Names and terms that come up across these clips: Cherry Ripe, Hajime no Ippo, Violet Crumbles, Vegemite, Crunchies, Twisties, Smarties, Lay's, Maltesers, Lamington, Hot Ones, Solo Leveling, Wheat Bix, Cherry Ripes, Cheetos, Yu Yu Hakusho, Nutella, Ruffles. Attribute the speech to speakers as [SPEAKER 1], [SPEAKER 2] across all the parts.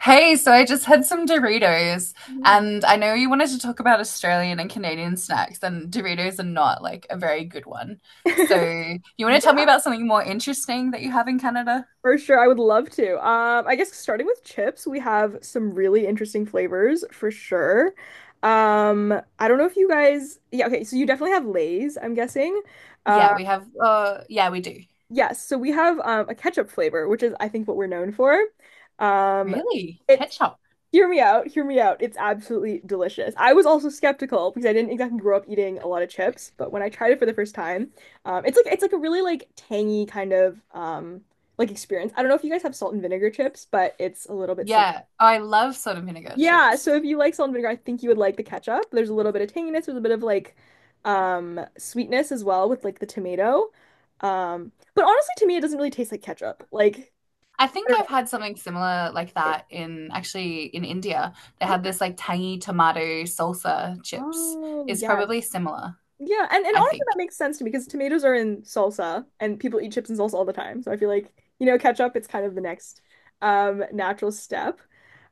[SPEAKER 1] Hey, so I just had some Doritos,
[SPEAKER 2] Mhm.
[SPEAKER 1] and I know you wanted to talk about Australian and Canadian snacks, and Doritos are not like a very good one. So, you want to tell me
[SPEAKER 2] Yeah,
[SPEAKER 1] about something more interesting that you have in Canada?
[SPEAKER 2] for sure. I would love to. I guess starting with chips, we have some really interesting flavors for sure. Um, I don't know if you guys, yeah, okay, so you definitely have Lay's, I'm guessing. Uh,
[SPEAKER 1] Yeah, we have, yeah, we do.
[SPEAKER 2] yes, so we have a ketchup flavor, which is I think what we're known for. Um,
[SPEAKER 1] Really?
[SPEAKER 2] it
[SPEAKER 1] Ketchup?
[SPEAKER 2] Hear me out, hear me out. It's absolutely delicious. I was also skeptical because I didn't exactly grow up eating a lot of chips, but when I tried it for the first time, it's like a really like tangy kind of like experience. I don't know if you guys have salt and vinegar chips, but it's a little bit similar.
[SPEAKER 1] Yeah, I love salt and vinegar
[SPEAKER 2] Yeah,
[SPEAKER 1] chips.
[SPEAKER 2] so if you like salt and vinegar, I think you would like the ketchup. There's a little bit of tanginess, there's a bit of like sweetness as well with like the tomato. But honestly to me it doesn't really taste like ketchup. Like
[SPEAKER 1] I
[SPEAKER 2] I
[SPEAKER 1] think
[SPEAKER 2] don't know.
[SPEAKER 1] I've had something similar like
[SPEAKER 2] It-
[SPEAKER 1] that in actually in India. They had
[SPEAKER 2] Okay.
[SPEAKER 1] this like tangy tomato salsa chips.
[SPEAKER 2] Oh,
[SPEAKER 1] It's
[SPEAKER 2] yes.
[SPEAKER 1] probably similar,
[SPEAKER 2] Yeah, and
[SPEAKER 1] I
[SPEAKER 2] honestly,
[SPEAKER 1] think.
[SPEAKER 2] that makes sense to me because tomatoes are in salsa and people eat chips and salsa all the time. So I feel like, ketchup, it's kind of the next natural step.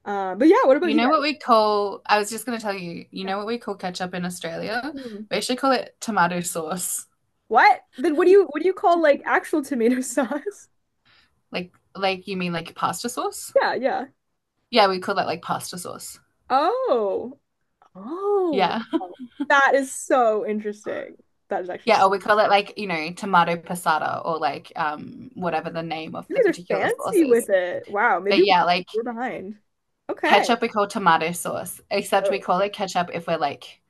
[SPEAKER 2] But yeah, what about
[SPEAKER 1] You
[SPEAKER 2] you
[SPEAKER 1] know what
[SPEAKER 2] guys?
[SPEAKER 1] we call, I was just going to tell you, you
[SPEAKER 2] Yeah.
[SPEAKER 1] know what we call ketchup in Australia?
[SPEAKER 2] Hmm.
[SPEAKER 1] We actually call it tomato sauce.
[SPEAKER 2] What? Then what do you call like actual tomato sauce?
[SPEAKER 1] Like you mean like pasta sauce?
[SPEAKER 2] Yeah, yeah.
[SPEAKER 1] Yeah, we call that like pasta sauce.
[SPEAKER 2] Oh. Oh,
[SPEAKER 1] Yeah.
[SPEAKER 2] wow. That is so interesting. That is actually
[SPEAKER 1] Yeah, or
[SPEAKER 2] s-
[SPEAKER 1] we call it like, you know, tomato passata or like whatever the name of the
[SPEAKER 2] you guys are
[SPEAKER 1] particular sauce
[SPEAKER 2] fancy with
[SPEAKER 1] is.
[SPEAKER 2] it. Wow,
[SPEAKER 1] But
[SPEAKER 2] maybe
[SPEAKER 1] yeah, like
[SPEAKER 2] we're behind. Okay.
[SPEAKER 1] ketchup we call tomato sauce, except we
[SPEAKER 2] So
[SPEAKER 1] call it ketchup if we're like,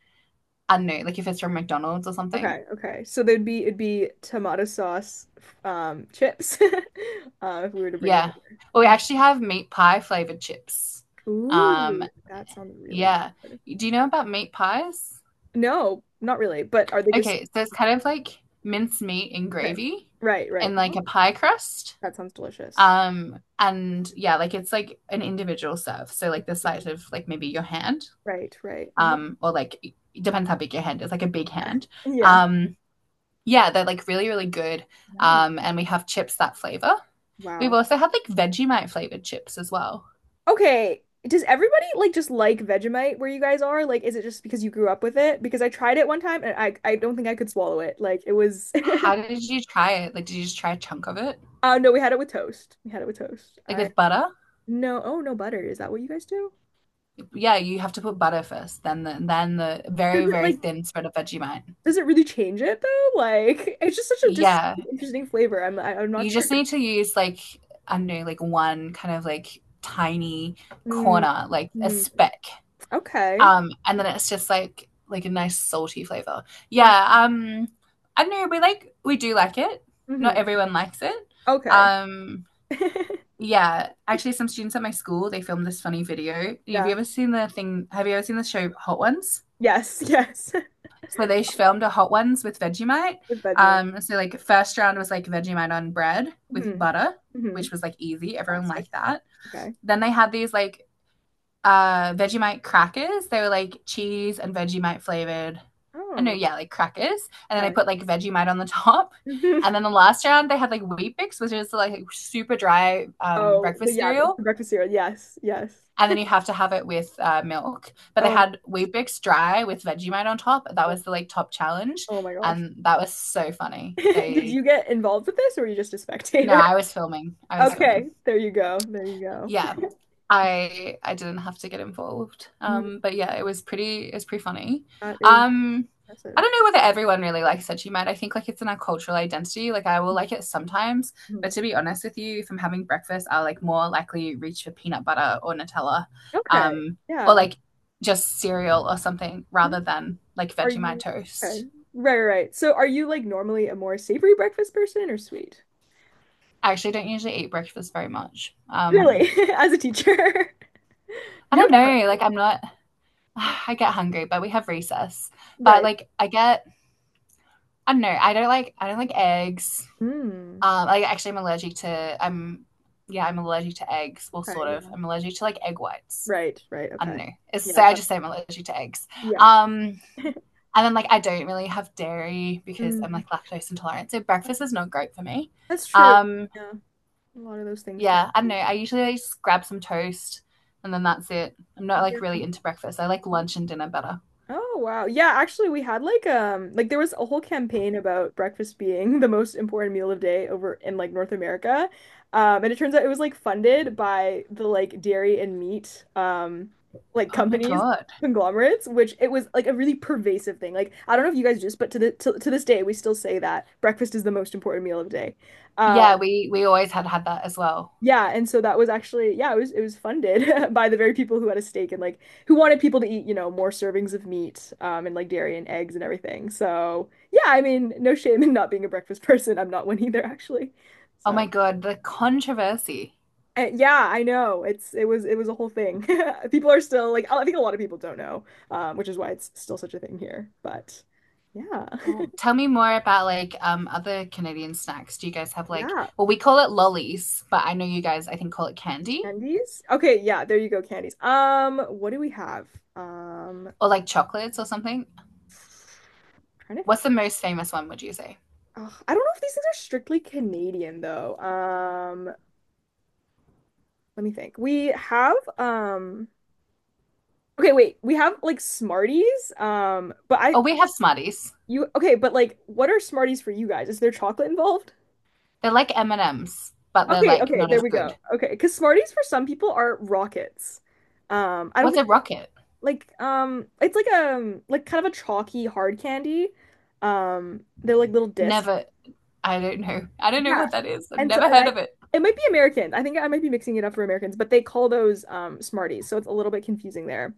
[SPEAKER 1] I don't know, like if it's from McDonald's or something.
[SPEAKER 2] Okay, okay. So there'd be it'd be tomato sauce, chips, if we were to bring it
[SPEAKER 1] Yeah. Or we
[SPEAKER 2] over.
[SPEAKER 1] actually have meat pie flavored chips. Um,
[SPEAKER 2] Ooh, that sounds really
[SPEAKER 1] Yeah.
[SPEAKER 2] good.
[SPEAKER 1] Do you know about meat pies?
[SPEAKER 2] No, not really. But are they just
[SPEAKER 1] Okay, so it's kind of like minced meat and
[SPEAKER 2] okay?
[SPEAKER 1] gravy
[SPEAKER 2] Right, right.
[SPEAKER 1] and like
[SPEAKER 2] Oh,
[SPEAKER 1] a pie crust.
[SPEAKER 2] that sounds delicious.
[SPEAKER 1] And yeah, like it's like an individual serve. So like the size of like maybe your hand,
[SPEAKER 2] Right, right. Oh,
[SPEAKER 1] or like it depends how big your hand is, like a big
[SPEAKER 2] yeah,
[SPEAKER 1] hand.
[SPEAKER 2] yeah.
[SPEAKER 1] Um, yeah, they're like really, really good.
[SPEAKER 2] No,
[SPEAKER 1] And we have chips that flavor. We've
[SPEAKER 2] wow.
[SPEAKER 1] also had like Vegemite flavored chips as well.
[SPEAKER 2] Okay. Does everybody like just like Vegemite where you guys are? Like, is it just because you grew up with it? Because I tried it one time and I don't think I could swallow it. Like, it was.
[SPEAKER 1] How did you try it? Like, did you just try a chunk of it?
[SPEAKER 2] No, we had it with toast. We had it with toast.
[SPEAKER 1] Like
[SPEAKER 2] I.
[SPEAKER 1] with butter?
[SPEAKER 2] No, oh no butter. Is that what you guys do?
[SPEAKER 1] Yeah, you have to put butter first, then the very,
[SPEAKER 2] Does it
[SPEAKER 1] very
[SPEAKER 2] like
[SPEAKER 1] thin spread of Vegemite.
[SPEAKER 2] does it really change it though? Like it's just such a dis
[SPEAKER 1] Yeah.
[SPEAKER 2] interesting flavor. I'm not
[SPEAKER 1] You
[SPEAKER 2] sure.
[SPEAKER 1] just need to use like I don't know, like one kind of like tiny
[SPEAKER 2] Mm,
[SPEAKER 1] corner, like a
[SPEAKER 2] mm,
[SPEAKER 1] speck.
[SPEAKER 2] okay.
[SPEAKER 1] And then it's just like a nice salty flavor. Yeah,
[SPEAKER 2] Mm,
[SPEAKER 1] I don't know, we like we do like it. Not
[SPEAKER 2] hmm.
[SPEAKER 1] everyone likes it.
[SPEAKER 2] Okay.
[SPEAKER 1] Um yeah, actually some students at my school, they filmed this funny video.
[SPEAKER 2] Yeah.
[SPEAKER 1] Have you ever seen the show Hot Ones?
[SPEAKER 2] Yes, yes.
[SPEAKER 1] So they filmed a hot ones with Vegemite.
[SPEAKER 2] With Vegemite.
[SPEAKER 1] So like first round was like Vegemite on bread with
[SPEAKER 2] Hmm.
[SPEAKER 1] butter,
[SPEAKER 2] Hmm.
[SPEAKER 1] which was like easy. Everyone
[SPEAKER 2] Classic.
[SPEAKER 1] liked that.
[SPEAKER 2] Okay.
[SPEAKER 1] Then they had these like Vegemite crackers. They were like cheese and Vegemite flavored. I know,
[SPEAKER 2] Oh,
[SPEAKER 1] yeah, like crackers. And then they
[SPEAKER 2] okay.
[SPEAKER 1] put like Vegemite on the top.
[SPEAKER 2] Hmm.
[SPEAKER 1] And then the last round they had like Wheat Bix, which is like super dry
[SPEAKER 2] Oh, but
[SPEAKER 1] breakfast
[SPEAKER 2] yeah, the
[SPEAKER 1] cereal
[SPEAKER 2] the breakfast cereal. Yes, yes.
[SPEAKER 1] and then you have to have it with milk. But they
[SPEAKER 2] Oh, my-
[SPEAKER 1] had wheat bix dry with Vegemite on top. That
[SPEAKER 2] God.
[SPEAKER 1] was the like top challenge,
[SPEAKER 2] Oh my gosh.
[SPEAKER 1] and that was so funny.
[SPEAKER 2] Did
[SPEAKER 1] They
[SPEAKER 2] you get involved with this or were you just a
[SPEAKER 1] no,
[SPEAKER 2] spectator?
[SPEAKER 1] I was filming. I was filming.
[SPEAKER 2] Okay, there you go. There you
[SPEAKER 1] Yeah, I didn't have to get involved.
[SPEAKER 2] go.
[SPEAKER 1] But yeah, it was pretty funny.
[SPEAKER 2] That is
[SPEAKER 1] Um, I
[SPEAKER 2] impressive.
[SPEAKER 1] don't know whether everyone really likes Veggie Mite. I think like it's in our cultural identity. Like I will like it sometimes, but
[SPEAKER 2] Mhm.
[SPEAKER 1] to be honest with you, if I'm having breakfast, I'll like more likely reach for peanut butter or Nutella,
[SPEAKER 2] Okay.
[SPEAKER 1] um, or
[SPEAKER 2] Yeah.
[SPEAKER 1] like just cereal or something
[SPEAKER 2] Mhm.
[SPEAKER 1] rather than like
[SPEAKER 2] Are
[SPEAKER 1] Vegemite
[SPEAKER 2] you
[SPEAKER 1] toast.
[SPEAKER 2] okay? Right, right, right. So are you like normally a more savory breakfast person or sweet?
[SPEAKER 1] I actually don't usually eat breakfast very much.
[SPEAKER 2] Really, as a teacher.
[SPEAKER 1] I
[SPEAKER 2] You
[SPEAKER 1] don't
[SPEAKER 2] don't get.
[SPEAKER 1] know. Like I'm not.
[SPEAKER 2] Yeah.
[SPEAKER 1] I get hungry, but we have recess. But
[SPEAKER 2] Right.
[SPEAKER 1] like I get I don't know. I don't like eggs.
[SPEAKER 2] Mm.
[SPEAKER 1] Like actually, I'm yeah I'm allergic to eggs. Well,
[SPEAKER 2] Okay,
[SPEAKER 1] sort of.
[SPEAKER 2] yeah.
[SPEAKER 1] I'm allergic to like egg whites.
[SPEAKER 2] Right, right.
[SPEAKER 1] I don't
[SPEAKER 2] Okay.
[SPEAKER 1] know. It's
[SPEAKER 2] Yeah,
[SPEAKER 1] so
[SPEAKER 2] I've
[SPEAKER 1] I
[SPEAKER 2] got.
[SPEAKER 1] just say I'm allergic to eggs.
[SPEAKER 2] Yeah.
[SPEAKER 1] Um, and then like I don't really have dairy because I'm
[SPEAKER 2] Mm.
[SPEAKER 1] like lactose intolerant. So breakfast is not great for me.
[SPEAKER 2] That's true.
[SPEAKER 1] Um,
[SPEAKER 2] Yeah. A lot of those things tend
[SPEAKER 1] yeah, I don't know.
[SPEAKER 2] to
[SPEAKER 1] I usually like, just grab some toast and then that's it. I'm
[SPEAKER 2] be.
[SPEAKER 1] not like
[SPEAKER 2] Yeah.
[SPEAKER 1] really into breakfast. I like lunch and dinner better.
[SPEAKER 2] Oh wow. Yeah, actually we had like there was a whole campaign about breakfast being the most important meal of day over in like North America. And it turns out it was like funded by the like dairy and meat like
[SPEAKER 1] Oh my
[SPEAKER 2] companies,
[SPEAKER 1] god.
[SPEAKER 2] conglomerates, which it was like a really pervasive thing. Like I don't know if you guys just but to this day we still say that breakfast is the most important meal of day. Um
[SPEAKER 1] Yeah, we always had that as well.
[SPEAKER 2] yeah, and so that was actually yeah, it was funded by the very people who had a stake and like who wanted people to eat, you know, more servings of meat and like dairy and eggs and everything. So, yeah, I mean, no shame in not being a breakfast person. I'm not one either actually.
[SPEAKER 1] Oh my
[SPEAKER 2] So,
[SPEAKER 1] god, the controversy.
[SPEAKER 2] yeah, I know. It was a whole thing. People are still like I think a lot of people don't know, which is why it's still such a thing here. But yeah.
[SPEAKER 1] Well, tell me more about like other Canadian snacks. Do you guys have like
[SPEAKER 2] Yeah,
[SPEAKER 1] well we call it lollies, but I know you guys I think call it candy
[SPEAKER 2] candies. Okay, yeah, there you go, candies. What do we have? Um,
[SPEAKER 1] or like chocolates or something.
[SPEAKER 2] trying to
[SPEAKER 1] What's the most famous one would you say?
[SPEAKER 2] Ugh, I don't know if these things are strictly Canadian though. Let me think. We have okay, wait. We have like Smarties. But I
[SPEAKER 1] Oh, we have Smarties.
[SPEAKER 2] you okay, but like what are Smarties for you guys? Is there chocolate involved?
[SPEAKER 1] They're like M&Ms, but they're
[SPEAKER 2] Okay,
[SPEAKER 1] like
[SPEAKER 2] okay,
[SPEAKER 1] not
[SPEAKER 2] there
[SPEAKER 1] as
[SPEAKER 2] we go.
[SPEAKER 1] good.
[SPEAKER 2] Okay, because Smarties for some people are rockets. I don't
[SPEAKER 1] What's
[SPEAKER 2] think
[SPEAKER 1] a rocket?
[SPEAKER 2] it's like a like kind of a chalky hard candy. They're like little discs.
[SPEAKER 1] Never I don't know. I don't know
[SPEAKER 2] Yeah,
[SPEAKER 1] what that is. I've
[SPEAKER 2] And so
[SPEAKER 1] never
[SPEAKER 2] and
[SPEAKER 1] heard
[SPEAKER 2] I,
[SPEAKER 1] of it.
[SPEAKER 2] it might be American. I think I might be mixing it up for Americans, but they call those Smarties, so it's a little bit confusing there.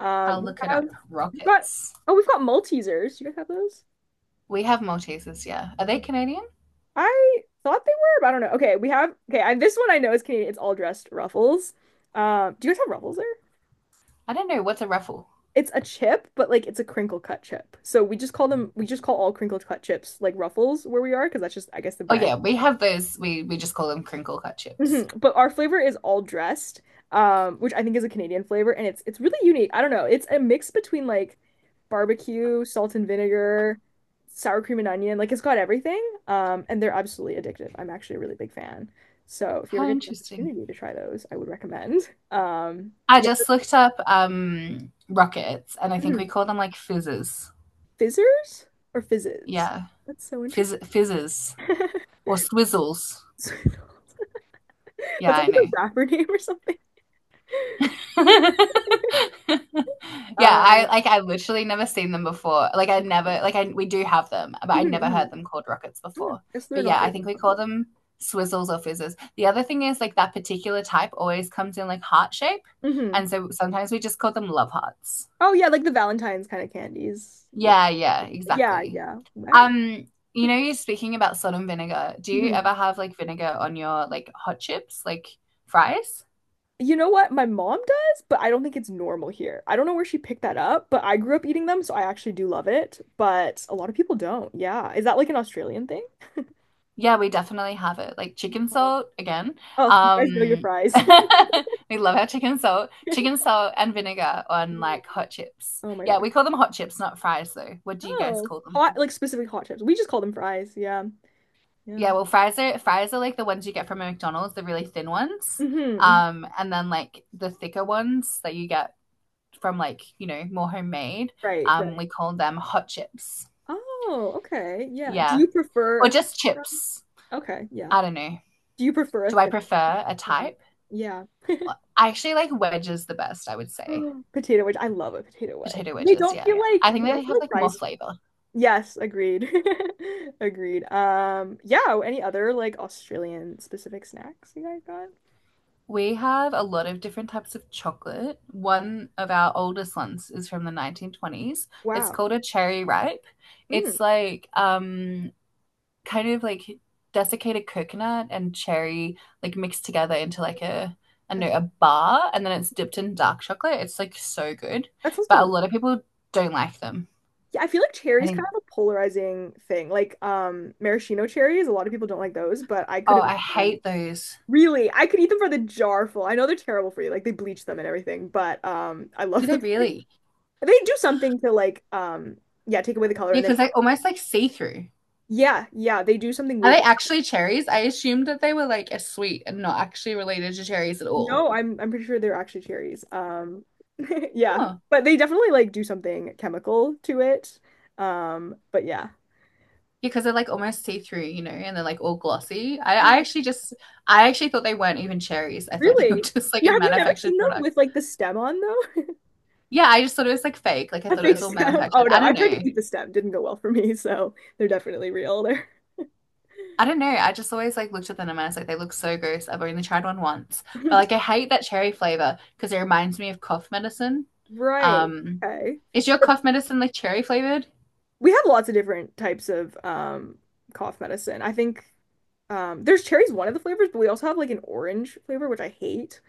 [SPEAKER 1] I'll
[SPEAKER 2] We
[SPEAKER 1] look it
[SPEAKER 2] have
[SPEAKER 1] up.
[SPEAKER 2] we've got
[SPEAKER 1] Rockets.
[SPEAKER 2] oh, we've got Maltesers. You guys have those?
[SPEAKER 1] We have Maltesers, yeah. Are they Canadian?
[SPEAKER 2] I thought they were, but I don't know. Okay, we have okay. This one I know is Canadian. It's all dressed Ruffles. Do you guys have Ruffles there?
[SPEAKER 1] I don't know. What's a ruffle?
[SPEAKER 2] It's a chip, but like it's a crinkle cut chip. So we just call them. We just call all crinkle cut chips like Ruffles where we are, because that's just I guess the
[SPEAKER 1] Oh
[SPEAKER 2] brand.
[SPEAKER 1] yeah, we have those. We just call them crinkle cut
[SPEAKER 2] Hmm.
[SPEAKER 1] chips.
[SPEAKER 2] But our flavor is all dressed, which I think is a Canadian flavor, and it's really unique. I don't know. It's a mix between like barbecue, salt and vinegar, sour cream and onion. Like it's got everything. And they're absolutely addictive. I'm actually a really big fan. So if you ever
[SPEAKER 1] How
[SPEAKER 2] get the
[SPEAKER 1] interesting.
[SPEAKER 2] opportunity to try those, I would recommend.
[SPEAKER 1] I
[SPEAKER 2] Yeah.
[SPEAKER 1] just looked up rockets, and I think we
[SPEAKER 2] Mhm.
[SPEAKER 1] call them like fizzes.
[SPEAKER 2] Fizzers or fizzes?
[SPEAKER 1] Yeah,
[SPEAKER 2] That's so interesting.
[SPEAKER 1] Fizzes or swizzles.
[SPEAKER 2] So-
[SPEAKER 1] Yeah,
[SPEAKER 2] That's like
[SPEAKER 1] I know.
[SPEAKER 2] a rapper name or something.
[SPEAKER 1] yeah,
[SPEAKER 2] Um,
[SPEAKER 1] I literally never seen them before. Like I never like I we do have them, but I never heard them called rockets
[SPEAKER 2] Hmm,
[SPEAKER 1] before.
[SPEAKER 2] guess they're
[SPEAKER 1] But
[SPEAKER 2] not
[SPEAKER 1] yeah, I
[SPEAKER 2] very
[SPEAKER 1] think we call
[SPEAKER 2] popular.
[SPEAKER 1] them swizzles or fizzes. The other thing is like that particular type always comes in like heart shape,
[SPEAKER 2] Hmm.
[SPEAKER 1] and so sometimes we just call them love hearts.
[SPEAKER 2] Oh yeah, like the Valentine's kind of candies with
[SPEAKER 1] Yeah, yeah,
[SPEAKER 2] yeah,
[SPEAKER 1] exactly.
[SPEAKER 2] yeah. I-
[SPEAKER 1] Um, you know, you're speaking about salt and vinegar. Do you
[SPEAKER 2] Mhm.
[SPEAKER 1] ever have like vinegar on your like hot chips, like fries?
[SPEAKER 2] You know what my mom does, but I don't think it's normal here. I don't know where she picked that up, but I grew up eating them, so I actually do love it. But a lot of people don't. Yeah. Is that like an Australian thing?
[SPEAKER 1] Yeah, we definitely have it. Like chicken salt again.
[SPEAKER 2] Oh, you guys know your
[SPEAKER 1] Um,
[SPEAKER 2] fries.
[SPEAKER 1] we love our chicken salt and vinegar on like hot chips.
[SPEAKER 2] Oh my
[SPEAKER 1] Yeah,
[SPEAKER 2] gosh.
[SPEAKER 1] we call them hot chips, not fries though. What do you guys
[SPEAKER 2] Oh,
[SPEAKER 1] call them?
[SPEAKER 2] hot, like specific hot chips. We just call them fries. Yeah. Yeah.
[SPEAKER 1] Yeah, well, fries are like the ones you get from a McDonald's, the really thin ones.
[SPEAKER 2] Hmm.
[SPEAKER 1] And then like the thicker ones that you get from like, you know, more homemade.
[SPEAKER 2] Right, right.
[SPEAKER 1] We call them hot chips.
[SPEAKER 2] Oh, okay. Yeah. Do
[SPEAKER 1] Yeah.
[SPEAKER 2] you prefer
[SPEAKER 1] Or just
[SPEAKER 2] a
[SPEAKER 1] chips.
[SPEAKER 2] Okay, yeah.
[SPEAKER 1] I don't know.
[SPEAKER 2] Do you prefer a
[SPEAKER 1] Do I
[SPEAKER 2] thin?
[SPEAKER 1] prefer a type?
[SPEAKER 2] Yeah.
[SPEAKER 1] I actually like wedges the best, I would say.
[SPEAKER 2] Yeah. Potato wedge. I love a potato wedge.
[SPEAKER 1] Potato
[SPEAKER 2] They
[SPEAKER 1] wedges,
[SPEAKER 2] don't
[SPEAKER 1] yeah.
[SPEAKER 2] feel
[SPEAKER 1] I think they have
[SPEAKER 2] like
[SPEAKER 1] like more
[SPEAKER 2] fries.
[SPEAKER 1] flavor.
[SPEAKER 2] Yes, agreed. Agreed. Yeah, any other like Australian specific snacks you guys got?
[SPEAKER 1] We have a lot of different types of chocolate. One of our oldest ones is from the 1920s. It's
[SPEAKER 2] Wow.
[SPEAKER 1] called a cherry ripe.
[SPEAKER 2] Mm,
[SPEAKER 1] It's like kind of like desiccated coconut and cherry like mixed together into like a I don't
[SPEAKER 2] that's
[SPEAKER 1] know a bar and then it's dipped in dark chocolate. It's like so good.
[SPEAKER 2] that sounds
[SPEAKER 1] But a
[SPEAKER 2] delicious.
[SPEAKER 1] lot of people don't like them.
[SPEAKER 2] Yeah, I feel like
[SPEAKER 1] I
[SPEAKER 2] cherries
[SPEAKER 1] think
[SPEAKER 2] kind of a polarizing thing. Like maraschino cherries, a lot of people don't like those, but I could
[SPEAKER 1] oh,
[SPEAKER 2] have
[SPEAKER 1] I
[SPEAKER 2] eaten them.
[SPEAKER 1] hate those.
[SPEAKER 2] Really, I could eat them for the jar full. I know they're terrible for you, like they bleach them and everything, but I
[SPEAKER 1] Do
[SPEAKER 2] love
[SPEAKER 1] they
[SPEAKER 2] them.
[SPEAKER 1] really?
[SPEAKER 2] They do something to like yeah, take away the color
[SPEAKER 1] Yeah,
[SPEAKER 2] and then
[SPEAKER 1] because they almost like see-through.
[SPEAKER 2] yeah, yeah, they do something
[SPEAKER 1] Are
[SPEAKER 2] weird
[SPEAKER 1] they
[SPEAKER 2] to.
[SPEAKER 1] actually cherries? I assumed that they were like a sweet and not actually related to cherries at all.
[SPEAKER 2] No, I'm pretty sure they're actually cherries. Yeah.
[SPEAKER 1] Oh.
[SPEAKER 2] But they definitely like do something chemical to it. But yeah.
[SPEAKER 1] Because they're like almost see-through, you know, and they're like all glossy.
[SPEAKER 2] Yeah,
[SPEAKER 1] I actually thought they weren't even cherries. I thought they were
[SPEAKER 2] really?
[SPEAKER 1] just like a
[SPEAKER 2] Yeah, have you never
[SPEAKER 1] manufactured
[SPEAKER 2] seen them
[SPEAKER 1] product.
[SPEAKER 2] with like the stem on though?
[SPEAKER 1] Yeah, I just thought it was like fake. Like I
[SPEAKER 2] A
[SPEAKER 1] thought it
[SPEAKER 2] fake
[SPEAKER 1] was all
[SPEAKER 2] stem? Oh
[SPEAKER 1] manufactured. I
[SPEAKER 2] no, I
[SPEAKER 1] don't
[SPEAKER 2] tried to
[SPEAKER 1] know.
[SPEAKER 2] eat the stem, didn't go well for me, so they're definitely real. They're
[SPEAKER 1] I don't know. I just always like looked at them and I was like, they look so gross. I've only tried one once. But like I hate that cherry flavor because it reminds me of cough medicine.
[SPEAKER 2] right.
[SPEAKER 1] Um,
[SPEAKER 2] Okay.
[SPEAKER 1] is your cough medicine like cherry flavored?
[SPEAKER 2] We have lots of different types of cough medicine. I think there's cherry's one of the flavors, but we also have like an orange flavor, which I hate.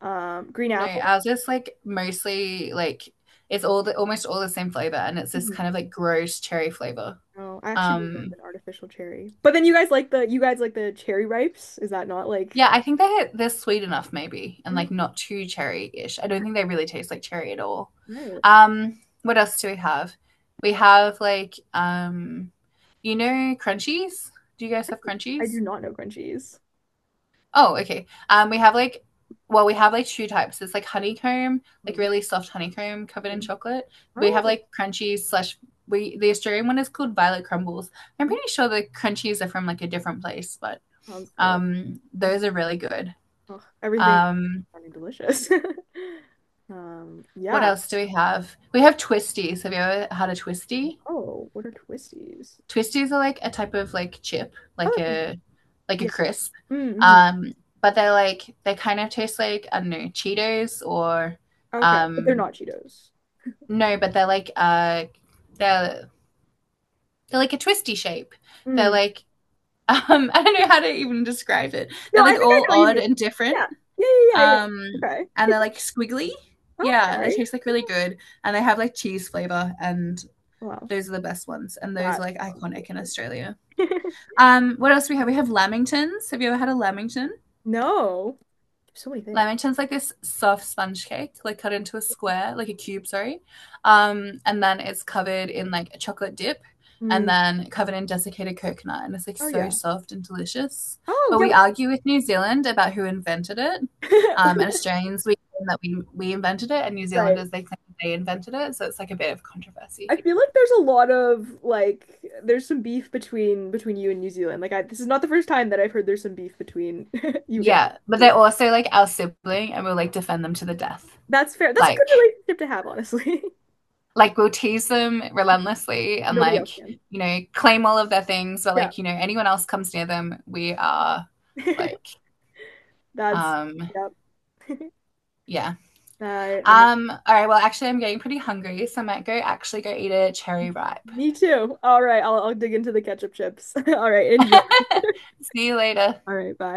[SPEAKER 2] Green
[SPEAKER 1] No,
[SPEAKER 2] apple.
[SPEAKER 1] ours is like mostly like it's all the almost all the same flavor and it's this
[SPEAKER 2] Mhm.
[SPEAKER 1] kind of like gross cherry flavor.
[SPEAKER 2] No, I actually do love
[SPEAKER 1] Um,
[SPEAKER 2] an artificial cherry. But then you guys like the cherry ripes? Is that not
[SPEAKER 1] Yeah,
[SPEAKER 2] like.
[SPEAKER 1] I think they're sweet enough maybe and like
[SPEAKER 2] Mm,
[SPEAKER 1] not too cherry-ish. I don't
[SPEAKER 2] okay,
[SPEAKER 1] think they really taste like cherry at all.
[SPEAKER 2] right.
[SPEAKER 1] What else do we have? We have like you know crunchies? Do you guys have
[SPEAKER 2] I do
[SPEAKER 1] crunchies?
[SPEAKER 2] not know crunchies.
[SPEAKER 1] Oh, okay. We have like well, we have like two types. It's like honeycomb, like
[SPEAKER 2] Mm,
[SPEAKER 1] really soft honeycomb covered in
[SPEAKER 2] mm.
[SPEAKER 1] chocolate. We have
[SPEAKER 2] Oh,
[SPEAKER 1] like crunchies slash we the Australian one is called Violet Crumbles. I'm
[SPEAKER 2] well,
[SPEAKER 1] pretty sure the crunchies are from like a different place, but
[SPEAKER 2] sounds good. Oh,
[SPEAKER 1] those are really good.
[SPEAKER 2] ugh, everything
[SPEAKER 1] Um
[SPEAKER 2] sounding delicious.
[SPEAKER 1] What
[SPEAKER 2] Yeah.
[SPEAKER 1] else do we have? We have twisties. Have you ever had a twisty?
[SPEAKER 2] Oh, what are twisties?
[SPEAKER 1] Twisties are like a type of like chip,
[SPEAKER 2] Oh, that sounds good.
[SPEAKER 1] like a
[SPEAKER 2] Yeah.
[SPEAKER 1] crisp.
[SPEAKER 2] Mm-hmm.
[SPEAKER 1] Um, but they're like they kind of taste like I don't know Cheetos or
[SPEAKER 2] Okay, but they're
[SPEAKER 1] um,
[SPEAKER 2] not Cheetos.
[SPEAKER 1] no, but they're like they're they're like a twisty shape. They're
[SPEAKER 2] Mm.
[SPEAKER 1] like I don't know how to even describe it.
[SPEAKER 2] No,
[SPEAKER 1] They're
[SPEAKER 2] I
[SPEAKER 1] like
[SPEAKER 2] think I
[SPEAKER 1] all
[SPEAKER 2] know what you
[SPEAKER 1] odd
[SPEAKER 2] mean.
[SPEAKER 1] and different,
[SPEAKER 2] Yeah. Yeah,
[SPEAKER 1] um,
[SPEAKER 2] yeah, Okay.
[SPEAKER 1] and they're like squiggly. Yeah, they
[SPEAKER 2] Okay.
[SPEAKER 1] taste like really good, and they have like cheese flavor and
[SPEAKER 2] Wow.
[SPEAKER 1] those are the best ones, and those are
[SPEAKER 2] That
[SPEAKER 1] like
[SPEAKER 2] sounds
[SPEAKER 1] iconic in
[SPEAKER 2] delicious.
[SPEAKER 1] Australia. What else do we have? We have lamingtons. Have you ever had a lamington?
[SPEAKER 2] No. There's so many things.
[SPEAKER 1] Lamington's like this soft sponge cake, like cut into a square, like a cube, sorry. And then it's covered in like a chocolate dip and
[SPEAKER 2] Mm.
[SPEAKER 1] then covered in desiccated coconut. And it's like
[SPEAKER 2] Oh
[SPEAKER 1] so
[SPEAKER 2] yeah.
[SPEAKER 1] soft and delicious.
[SPEAKER 2] Oh
[SPEAKER 1] But
[SPEAKER 2] yeah.
[SPEAKER 1] we argue with New Zealand about who invented it.
[SPEAKER 2] We-
[SPEAKER 1] And Australians, we claim that we invented it, and New
[SPEAKER 2] Right.
[SPEAKER 1] Zealanders, they claim they invented it. So it's like a bit of controversy.
[SPEAKER 2] I feel like there's a lot of like there's some beef between you and New Zealand. This is not the first time that I've heard there's some beef between you guys.
[SPEAKER 1] Yeah, but they're also like our sibling and we'll like defend them to the death.
[SPEAKER 2] That's fair. That's a good
[SPEAKER 1] Like
[SPEAKER 2] relationship to have, honestly.
[SPEAKER 1] like we'll tease them relentlessly and
[SPEAKER 2] Nobody
[SPEAKER 1] like,
[SPEAKER 2] else can.
[SPEAKER 1] you know, claim all of their things, but
[SPEAKER 2] Yeah.
[SPEAKER 1] like, you know, anyone else comes near them, we are like
[SPEAKER 2] That's
[SPEAKER 1] um
[SPEAKER 2] yeah.
[SPEAKER 1] yeah.
[SPEAKER 2] I know.
[SPEAKER 1] All right, well actually I'm getting pretty hungry, so I might go actually go eat a cherry ripe.
[SPEAKER 2] Me too. All right, I'll dig into the ketchup chips. All right, enjoy.
[SPEAKER 1] See you later.
[SPEAKER 2] All right, bye.